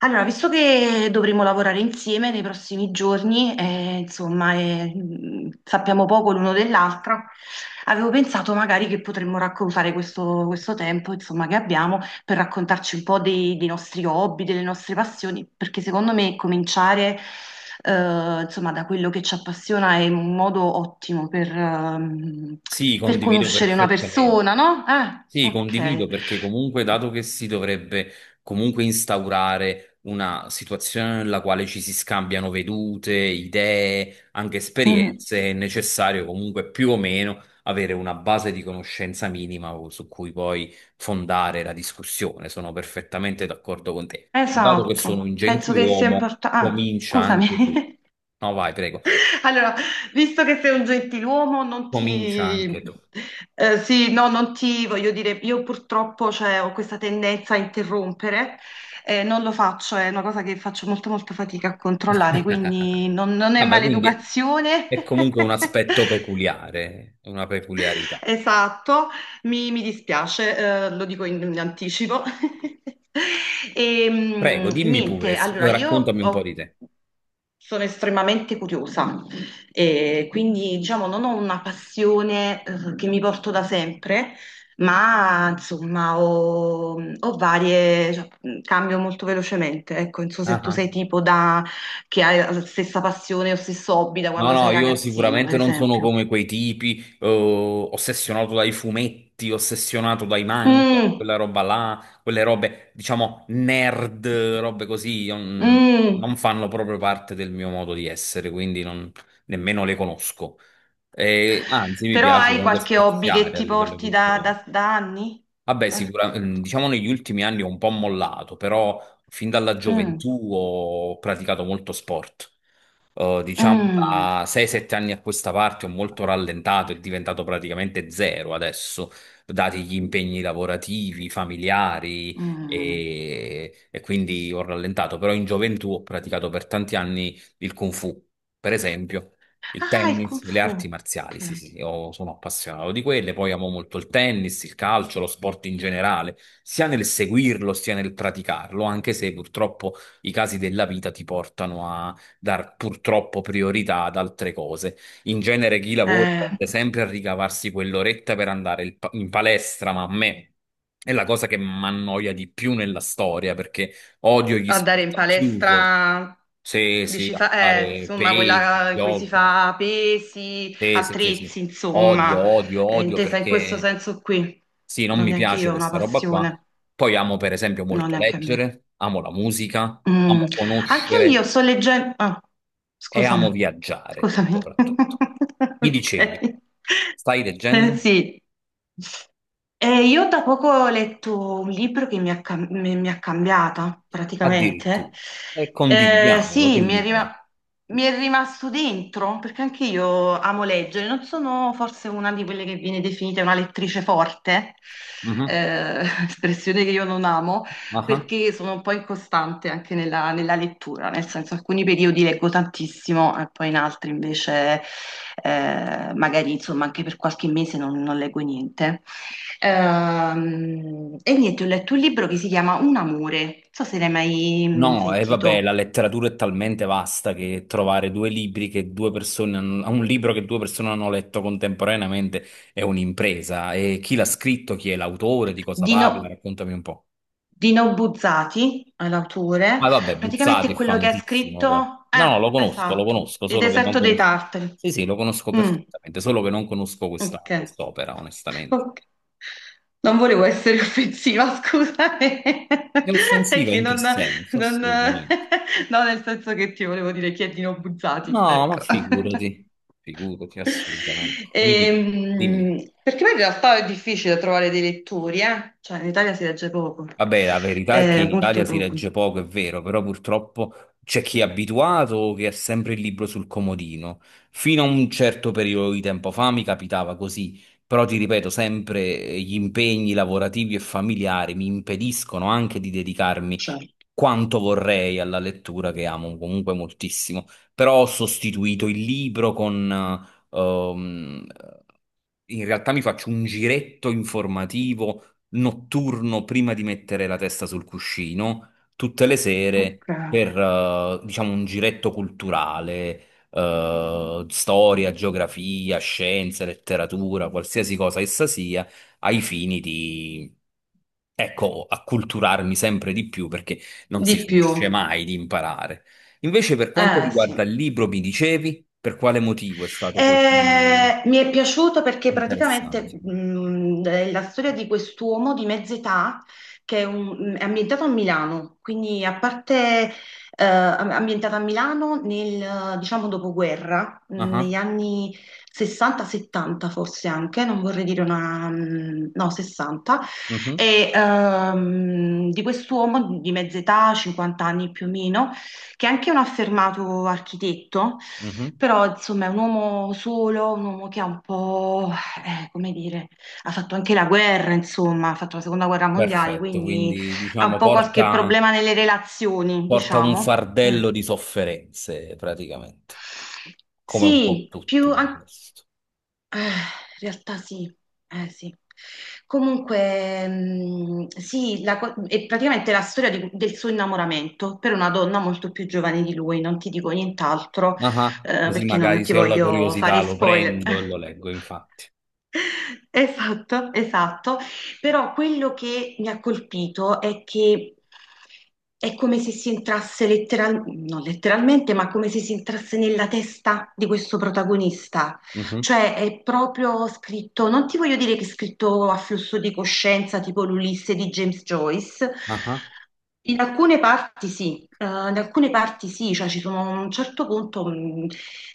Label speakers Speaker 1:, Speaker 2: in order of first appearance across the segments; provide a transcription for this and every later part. Speaker 1: Allora, visto che dovremo lavorare insieme nei prossimi giorni, insomma, sappiamo poco l'uno dell'altra, avevo pensato magari che potremmo raccontare questo tempo, insomma, che abbiamo per raccontarci un po' dei nostri hobby, delle nostre passioni, perché secondo me cominciare, insomma, da quello che ci appassiona è un modo ottimo
Speaker 2: Sì,
Speaker 1: per
Speaker 2: condivido
Speaker 1: conoscere una
Speaker 2: perfettamente.
Speaker 1: persona, no?
Speaker 2: Sì, condivido
Speaker 1: Ok.
Speaker 2: perché comunque, dato che si dovrebbe comunque instaurare una situazione nella quale ci si scambiano vedute, idee, anche
Speaker 1: Mm.
Speaker 2: esperienze, è necessario comunque più o meno avere una base di conoscenza minima su cui poi fondare la discussione. Sono perfettamente d'accordo con te. Dato che sono
Speaker 1: Esatto,
Speaker 2: un
Speaker 1: penso che sia
Speaker 2: gentiluomo,
Speaker 1: importante. Ah,
Speaker 2: comincia
Speaker 1: scusami.
Speaker 2: anche tu. No, vai, prego.
Speaker 1: Allora, visto che sei un gentiluomo, non
Speaker 2: Comincia anche
Speaker 1: ti—
Speaker 2: tu.
Speaker 1: sì, no, non ti voglio dire, io purtroppo cioè, ho questa tendenza a interrompere, non lo faccio, è una cosa che faccio molto molta fatica a controllare, quindi non è
Speaker 2: Vabbè, quindi
Speaker 1: maleducazione.
Speaker 2: è comunque un aspetto peculiare, una peculiarità.
Speaker 1: Esatto, mi dispiace, lo dico in anticipo. E,
Speaker 2: Prego, dimmi pure,
Speaker 1: niente, allora io
Speaker 2: raccontami un po' di te.
Speaker 1: sono estremamente curiosa e quindi diciamo non ho una passione, che mi porto da sempre, ma insomma ho varie, cioè, cambio molto velocemente. Ecco, non so se
Speaker 2: Ah,
Speaker 1: tu
Speaker 2: ah.
Speaker 1: sei tipo da, che hai la stessa passione o stesso hobby da
Speaker 2: No,
Speaker 1: quando
Speaker 2: no,
Speaker 1: sei
Speaker 2: io
Speaker 1: ragazzino, per
Speaker 2: sicuramente non sono
Speaker 1: esempio.
Speaker 2: come quei tipi, ossessionato dai fumetti, ossessionato dai manga,
Speaker 1: Mm.
Speaker 2: quella roba là, quelle robe, diciamo, nerd, robe così, io non,
Speaker 1: Mm.
Speaker 2: non fanno proprio parte del mio modo di essere, quindi nemmeno le conosco. E, anzi, mi
Speaker 1: Però
Speaker 2: piace
Speaker 1: hai
Speaker 2: comunque
Speaker 1: qualche hobby che
Speaker 2: spaziare a
Speaker 1: ti
Speaker 2: livello
Speaker 1: porti
Speaker 2: culturale.
Speaker 1: da anni?
Speaker 2: Vabbè,
Speaker 1: Eh?
Speaker 2: sicuramente, diciamo negli ultimi anni ho un po' mollato, però fin dalla
Speaker 1: Mm.
Speaker 2: gioventù ho praticato molto sport. Diciamo
Speaker 1: Mm.
Speaker 2: da 6-7 anni a questa parte ho molto rallentato, è diventato praticamente zero adesso, dati gli impegni lavorativi, familiari
Speaker 1: Mm.
Speaker 2: e quindi ho rallentato, però in gioventù ho praticato per tanti anni il Kung Fu, per esempio. Il
Speaker 1: Ah, il
Speaker 2: tennis,
Speaker 1: Kung
Speaker 2: le
Speaker 1: Fu.
Speaker 2: arti marziali,
Speaker 1: Ok.
Speaker 2: sì, sì, sì, io sono appassionato di quelle, poi amo molto il tennis, il calcio, lo sport in generale, sia nel seguirlo sia nel praticarlo, anche se purtroppo i casi della vita ti portano a dar purtroppo priorità ad altre cose. In genere chi lavora
Speaker 1: Eh,
Speaker 2: tende sempre a ricavarsi quell'oretta per andare il in palestra, ma a me è la cosa che mi annoia di più nella storia, perché odio gli
Speaker 1: Andare
Speaker 2: sport
Speaker 1: in
Speaker 2: al chiuso,
Speaker 1: palestra,
Speaker 2: se si
Speaker 1: dici,
Speaker 2: a fare
Speaker 1: insomma,
Speaker 2: pesi,
Speaker 1: quella in cui si
Speaker 2: jog.
Speaker 1: fa pesi,
Speaker 2: Sì, sì, sì, sì.
Speaker 1: attrezzi,
Speaker 2: Odio,
Speaker 1: insomma,
Speaker 2: odio, odio,
Speaker 1: Intesa in questo
Speaker 2: perché
Speaker 1: senso qui.
Speaker 2: sì, non
Speaker 1: Non
Speaker 2: mi
Speaker 1: neanche
Speaker 2: piace
Speaker 1: io ho una
Speaker 2: questa roba qua.
Speaker 1: passione,
Speaker 2: Poi amo per esempio
Speaker 1: no,
Speaker 2: molto
Speaker 1: neanche a me.
Speaker 2: leggere, amo la musica,
Speaker 1: Mm.
Speaker 2: amo
Speaker 1: Anche io
Speaker 2: conoscere
Speaker 1: sto leggendo— ah,
Speaker 2: e amo
Speaker 1: scusami,
Speaker 2: viaggiare
Speaker 1: scusami.
Speaker 2: soprattutto. Mi dicevi,
Speaker 1: Ok.
Speaker 2: stai leggendo?
Speaker 1: Sì. Io da poco ho letto un libro che mi ha cambiata,
Speaker 2: Addirittura.
Speaker 1: praticamente.
Speaker 2: E condividiamolo, che
Speaker 1: Sì,
Speaker 2: libro è?
Speaker 1: mi è rimasto dentro, perché anche io amo leggere. Non sono forse una di quelle che viene definita una lettrice forte,
Speaker 2: Mhm.
Speaker 1: eh, espressione che io non amo
Speaker 2: Ah ah.
Speaker 1: perché sono un po' incostante anche nella lettura, nel senso alcuni periodi leggo tantissimo e poi in altri invece magari insomma anche per qualche mese non leggo niente. E niente, ho letto un libro che si chiama Un amore, non so se l'hai mai
Speaker 2: No, e vabbè,
Speaker 1: sentito,
Speaker 2: la letteratura è talmente vasta che trovare due libri che due persone hanno, un libro che due persone hanno letto contemporaneamente è un'impresa. E chi l'ha scritto, chi è l'autore, di cosa
Speaker 1: di,
Speaker 2: parla,
Speaker 1: no,
Speaker 2: raccontami un po'.
Speaker 1: di Nobuzzati, è l'autore,
Speaker 2: Ma vabbè,
Speaker 1: praticamente
Speaker 2: Buzzati
Speaker 1: è
Speaker 2: è
Speaker 1: quello che ha
Speaker 2: famosissimo,
Speaker 1: scritto—
Speaker 2: però. No, no,
Speaker 1: Ah,
Speaker 2: lo
Speaker 1: esatto,
Speaker 2: conosco,
Speaker 1: Il
Speaker 2: solo che non
Speaker 1: deserto dei
Speaker 2: conosco.
Speaker 1: tartari.
Speaker 2: Sì, sì, lo conosco
Speaker 1: Mm.
Speaker 2: perfettamente, solo che non conosco
Speaker 1: Ok,
Speaker 2: questa quest'opera, onestamente.
Speaker 1: ok. Non volevo essere offensiva, scusami,
Speaker 2: È
Speaker 1: è
Speaker 2: offensiva
Speaker 1: che
Speaker 2: in che senso? Assolutamente.
Speaker 1: no, nel senso che ti volevo dire chiedino buzzati,
Speaker 2: No, ma
Speaker 1: ecco.
Speaker 2: figurati, figurati, assolutamente. Mi dica, dimmi.
Speaker 1: Perché poi in realtà è difficile trovare dei lettori, eh? Cioè in Italia si legge poco.
Speaker 2: Vabbè, la verità è che in Italia
Speaker 1: Molto
Speaker 2: si
Speaker 1: poco.
Speaker 2: legge poco, è vero, però purtroppo c'è chi è abituato che ha sempre il libro sul comodino. Fino a un certo periodo di tempo fa mi capitava così, però ti ripeto, sempre gli impegni lavorativi e familiari mi impediscono anche di dedicarmi
Speaker 1: Certo.
Speaker 2: quanto vorrei alla lettura che amo comunque moltissimo, però ho sostituito il libro con... eh, ehm, In realtà mi faccio un giretto informativo notturno prima di mettere la testa sul cuscino, tutte le
Speaker 1: Ok.
Speaker 2: sere per, diciamo, un giretto culturale, storia, geografia, scienze, letteratura, qualsiasi cosa essa sia, ai fini di, ecco, acculturarmi sempre di più, perché non si
Speaker 1: Di
Speaker 2: finisce
Speaker 1: più,
Speaker 2: mai di imparare. Invece, per quanto
Speaker 1: eh
Speaker 2: riguarda
Speaker 1: sì.
Speaker 2: il libro, mi dicevi per quale motivo è stato così
Speaker 1: Mi è piaciuto perché praticamente
Speaker 2: interessante?
Speaker 1: è la storia di quest'uomo di mezza età che è, è ambientato a Milano, quindi a parte ambientata a Milano nel, diciamo, dopoguerra, negli
Speaker 2: Ah,
Speaker 1: anni 60-70 forse anche, non vorrei dire una— no, 60,
Speaker 2: mhm,
Speaker 1: e di quest'uomo di mezza età, 50 anni più o meno, che è anche un affermato architetto,
Speaker 2: mhm.
Speaker 1: però insomma è un uomo solo, un uomo che ha un po', come dire, ha fatto anche la guerra, insomma, ha fatto la seconda guerra mondiale,
Speaker 2: Perfetto,
Speaker 1: quindi
Speaker 2: quindi
Speaker 1: ha un
Speaker 2: diciamo
Speaker 1: po' qualche
Speaker 2: porta,
Speaker 1: problema nelle relazioni,
Speaker 2: porta un
Speaker 1: diciamo. Mm.
Speaker 2: fardello di sofferenze praticamente, come un po'
Speaker 1: Sì,
Speaker 2: tutto il resto.
Speaker 1: in realtà sì, eh sì. Comunque, sì, è praticamente la storia del suo innamoramento per una donna molto più giovane di lui, non ti dico nient'altro,
Speaker 2: Ah, così
Speaker 1: perché non
Speaker 2: magari,
Speaker 1: ti
Speaker 2: se ho la
Speaker 1: voglio
Speaker 2: curiosità,
Speaker 1: fare
Speaker 2: lo
Speaker 1: spoiler.
Speaker 2: prendo e lo leggo, infatti.
Speaker 1: Esatto, esatto. Però quello che mi ha colpito è che è come se si entrasse non letteralmente, ma come se si entrasse nella testa di questo protagonista.
Speaker 2: Mhm,
Speaker 1: Cioè è proprio scritto, non ti voglio dire che è scritto a flusso di coscienza, tipo l'Ulisse di James Joyce,
Speaker 2: ah,
Speaker 1: in alcune parti sì, in alcune parti sì, cioè ci sono a un certo punto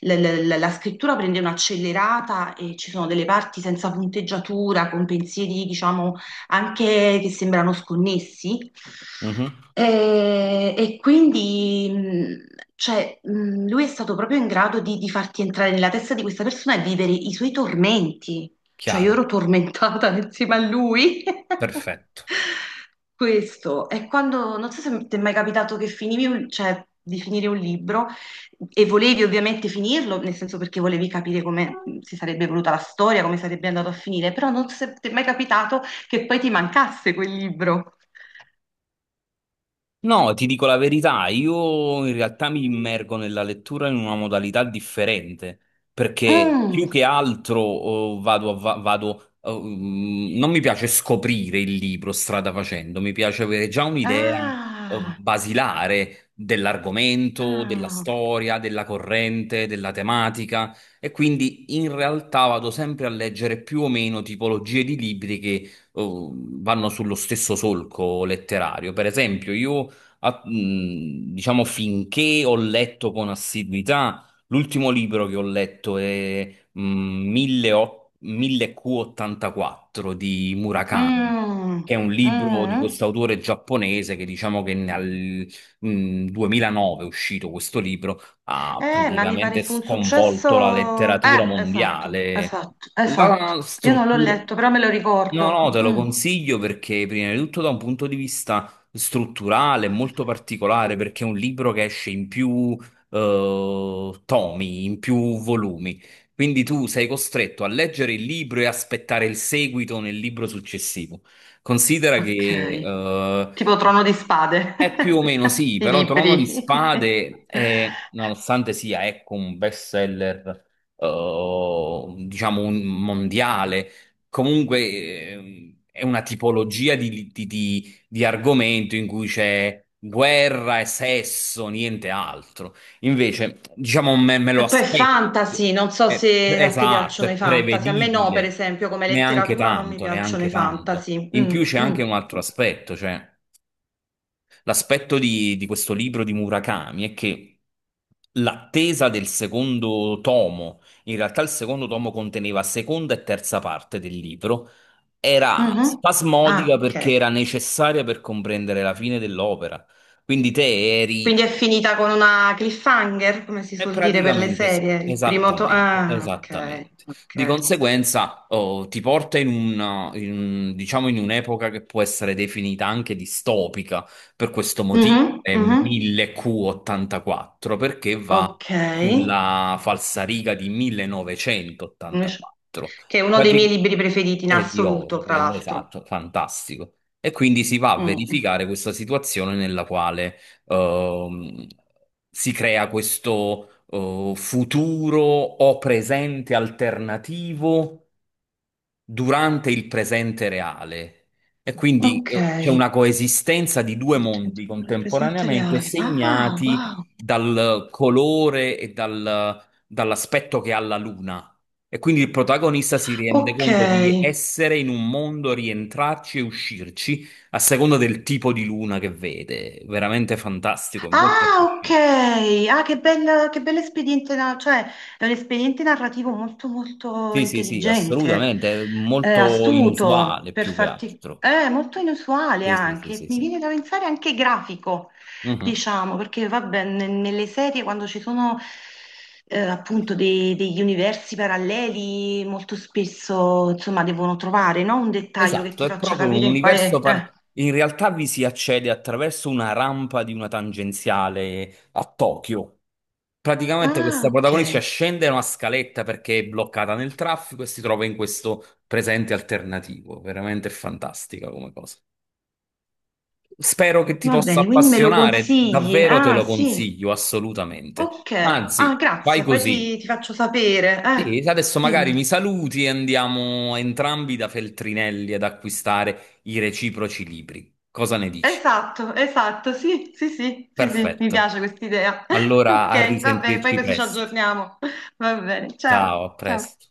Speaker 1: la scrittura prende un'accelerata e ci sono delle parti senza punteggiatura, con pensieri diciamo anche che sembrano sconnessi.
Speaker 2: mhm.
Speaker 1: E quindi cioè, lui è stato proprio in grado di farti entrare nella testa di questa persona e vivere i suoi tormenti. Cioè io
Speaker 2: Chiaro,
Speaker 1: ero tormentata insieme a lui.
Speaker 2: perfetto.
Speaker 1: Questo è quando, non so se ti è mai capitato che finivi, cioè, di finire un libro e volevi ovviamente finirlo, nel senso perché volevi capire come si sarebbe evoluta la storia, come sarebbe andato a finire, però non so se ti è mai capitato che poi ti mancasse quel libro.
Speaker 2: No, ti dico la verità, io in realtà mi immergo nella lettura in una modalità differente, perché
Speaker 1: Mm.
Speaker 2: più che altro vado, vado, non mi piace scoprire il libro strada facendo, mi piace avere già un'idea oh,
Speaker 1: Ah,
Speaker 2: basilare dell'argomento, della
Speaker 1: ah,
Speaker 2: storia, della corrente, della tematica, e quindi in realtà vado sempre a leggere più o meno tipologie di libri che vanno sullo stesso solco letterario. Per esempio, io diciamo, finché ho letto con assiduità, l'ultimo libro che ho letto è 1008 1000Q84 di Murakami.
Speaker 1: mm,
Speaker 2: Che è un libro di
Speaker 1: mm.
Speaker 2: questo autore giapponese che, diciamo, che nel 2009 è uscito questo libro, ha
Speaker 1: Ma mi pare
Speaker 2: praticamente
Speaker 1: fu un
Speaker 2: sconvolto la
Speaker 1: successo.
Speaker 2: letteratura
Speaker 1: Esatto,
Speaker 2: mondiale.
Speaker 1: esatto, esatto.
Speaker 2: La
Speaker 1: Io non l'ho
Speaker 2: struttura,
Speaker 1: letto, però me lo
Speaker 2: no,
Speaker 1: ricordo.
Speaker 2: no, te lo
Speaker 1: Mm,
Speaker 2: consiglio perché, prima di tutto, da un punto di vista strutturale, molto particolare, perché è un libro che esce in più tomi, in più volumi. Quindi tu sei costretto a leggere il libro e aspettare il seguito nel libro successivo. Considera che
Speaker 1: ok. Tipo Trono di Spade,
Speaker 2: è più o meno sì,
Speaker 1: i
Speaker 2: però Trono di
Speaker 1: libri.
Speaker 2: Spade è, nonostante sia, ecco, un bestseller, diciamo, un mondiale, comunque è una tipologia di argomento in cui c'è guerra e sesso, niente altro. Invece, diciamo, me lo
Speaker 1: E poi
Speaker 2: aspetto.
Speaker 1: fantasy, non so se a te
Speaker 2: Esatto,
Speaker 1: piacciono i
Speaker 2: è
Speaker 1: fantasy. A me no, per
Speaker 2: prevedibile.
Speaker 1: esempio, come
Speaker 2: Neanche
Speaker 1: letteratura non mi
Speaker 2: tanto,
Speaker 1: piacciono
Speaker 2: neanche
Speaker 1: i
Speaker 2: tanto.
Speaker 1: fantasy.
Speaker 2: In
Speaker 1: Mm,
Speaker 2: più c'è
Speaker 1: mm.
Speaker 2: anche un altro aspetto, cioè. L'aspetto di questo libro di Murakami è che l'attesa del secondo tomo, in realtà il secondo tomo conteneva seconda e terza parte del libro, era
Speaker 1: Mhm.
Speaker 2: spasmodica
Speaker 1: Ah,
Speaker 2: perché
Speaker 1: ok.
Speaker 2: era necessaria per comprendere la fine dell'opera. Quindi te
Speaker 1: Quindi
Speaker 2: eri
Speaker 1: è finita con una cliffhanger, come si
Speaker 2: e
Speaker 1: suol dire per le
Speaker 2: praticamente sì,
Speaker 1: serie, il primo—
Speaker 2: esattamente,
Speaker 1: Ah, ok,
Speaker 2: esattamente. Di
Speaker 1: ok.
Speaker 2: conseguenza, ti porta in un, diciamo, in un'epoca che può essere definita anche distopica, per questo
Speaker 1: Mhm,
Speaker 2: motivo è
Speaker 1: mhm,
Speaker 2: 1000Q84, perché va
Speaker 1: ok.
Speaker 2: sulla falsariga di
Speaker 1: Invece-
Speaker 2: 1984.
Speaker 1: Che è uno dei miei
Speaker 2: Prati-
Speaker 1: libri preferiti in
Speaker 2: È di
Speaker 1: assoluto, tra
Speaker 2: Orwell,
Speaker 1: l'altro.
Speaker 2: esatto, fantastico. E quindi si va a
Speaker 1: Mm,
Speaker 2: verificare questa situazione nella quale ehm, si crea questo futuro o presente alternativo durante il presente reale. E quindi
Speaker 1: ok.
Speaker 2: c'è
Speaker 1: Il
Speaker 2: una coesistenza di due mondi
Speaker 1: presente
Speaker 2: contemporaneamente
Speaker 1: reale. Ah,
Speaker 2: segnati
Speaker 1: wow.
Speaker 2: dal colore e dall'aspetto che ha la luna. E quindi il protagonista si rende
Speaker 1: Ok.
Speaker 2: conto di essere in un mondo, rientrarci e uscirci a seconda del tipo di luna che vede. Veramente fantastico, è molto
Speaker 1: Ah, ok.
Speaker 2: affascinante.
Speaker 1: Ah, che bello espediente, cioè è un espediente narrativo molto molto
Speaker 2: Sì, sì, sì,
Speaker 1: intelligente,
Speaker 2: assolutamente, è molto
Speaker 1: astuto
Speaker 2: inusuale
Speaker 1: per
Speaker 2: più che
Speaker 1: farti,
Speaker 2: altro.
Speaker 1: molto inusuale
Speaker 2: Sì, sì, sì,
Speaker 1: anche.
Speaker 2: sì,
Speaker 1: Mi
Speaker 2: sì.
Speaker 1: viene da pensare anche grafico,
Speaker 2: Mhm.
Speaker 1: diciamo, perché vabbè, nelle serie quando ci sono appunto degli universi paralleli, molto spesso insomma devono trovare, no? Un dettaglio che
Speaker 2: Esatto,
Speaker 1: ti
Speaker 2: è
Speaker 1: faccia
Speaker 2: proprio un
Speaker 1: capire in quale—
Speaker 2: in realtà vi si accede attraverso una rampa di una tangenziale a Tokyo. Praticamente
Speaker 1: Ah,
Speaker 2: questa protagonista
Speaker 1: ok.
Speaker 2: scende una scaletta perché è bloccata nel traffico e si trova in questo presente alternativo. Veramente fantastica come cosa. Spero che ti
Speaker 1: Va
Speaker 2: possa
Speaker 1: bene, quindi me lo
Speaker 2: appassionare,
Speaker 1: consigli?
Speaker 2: davvero te
Speaker 1: Ah,
Speaker 2: lo
Speaker 1: sì,
Speaker 2: consiglio, assolutamente.
Speaker 1: ok. Ah,
Speaker 2: Anzi, fai
Speaker 1: grazie, poi
Speaker 2: così.
Speaker 1: ti faccio sapere.
Speaker 2: Sì, adesso magari
Speaker 1: Dimmi.
Speaker 2: mi saluti e andiamo entrambi da Feltrinelli ad acquistare i reciproci libri. Cosa ne dici?
Speaker 1: Esatto, esatto, sì, sì, sì, sì, sì, mi
Speaker 2: Perfetto.
Speaker 1: piace questa idea.
Speaker 2: Allora a
Speaker 1: Ok, va bene, poi
Speaker 2: risentirci
Speaker 1: così ci
Speaker 2: presto.
Speaker 1: aggiorniamo. Va bene, ciao,
Speaker 2: Ciao, a
Speaker 1: ciao.
Speaker 2: presto.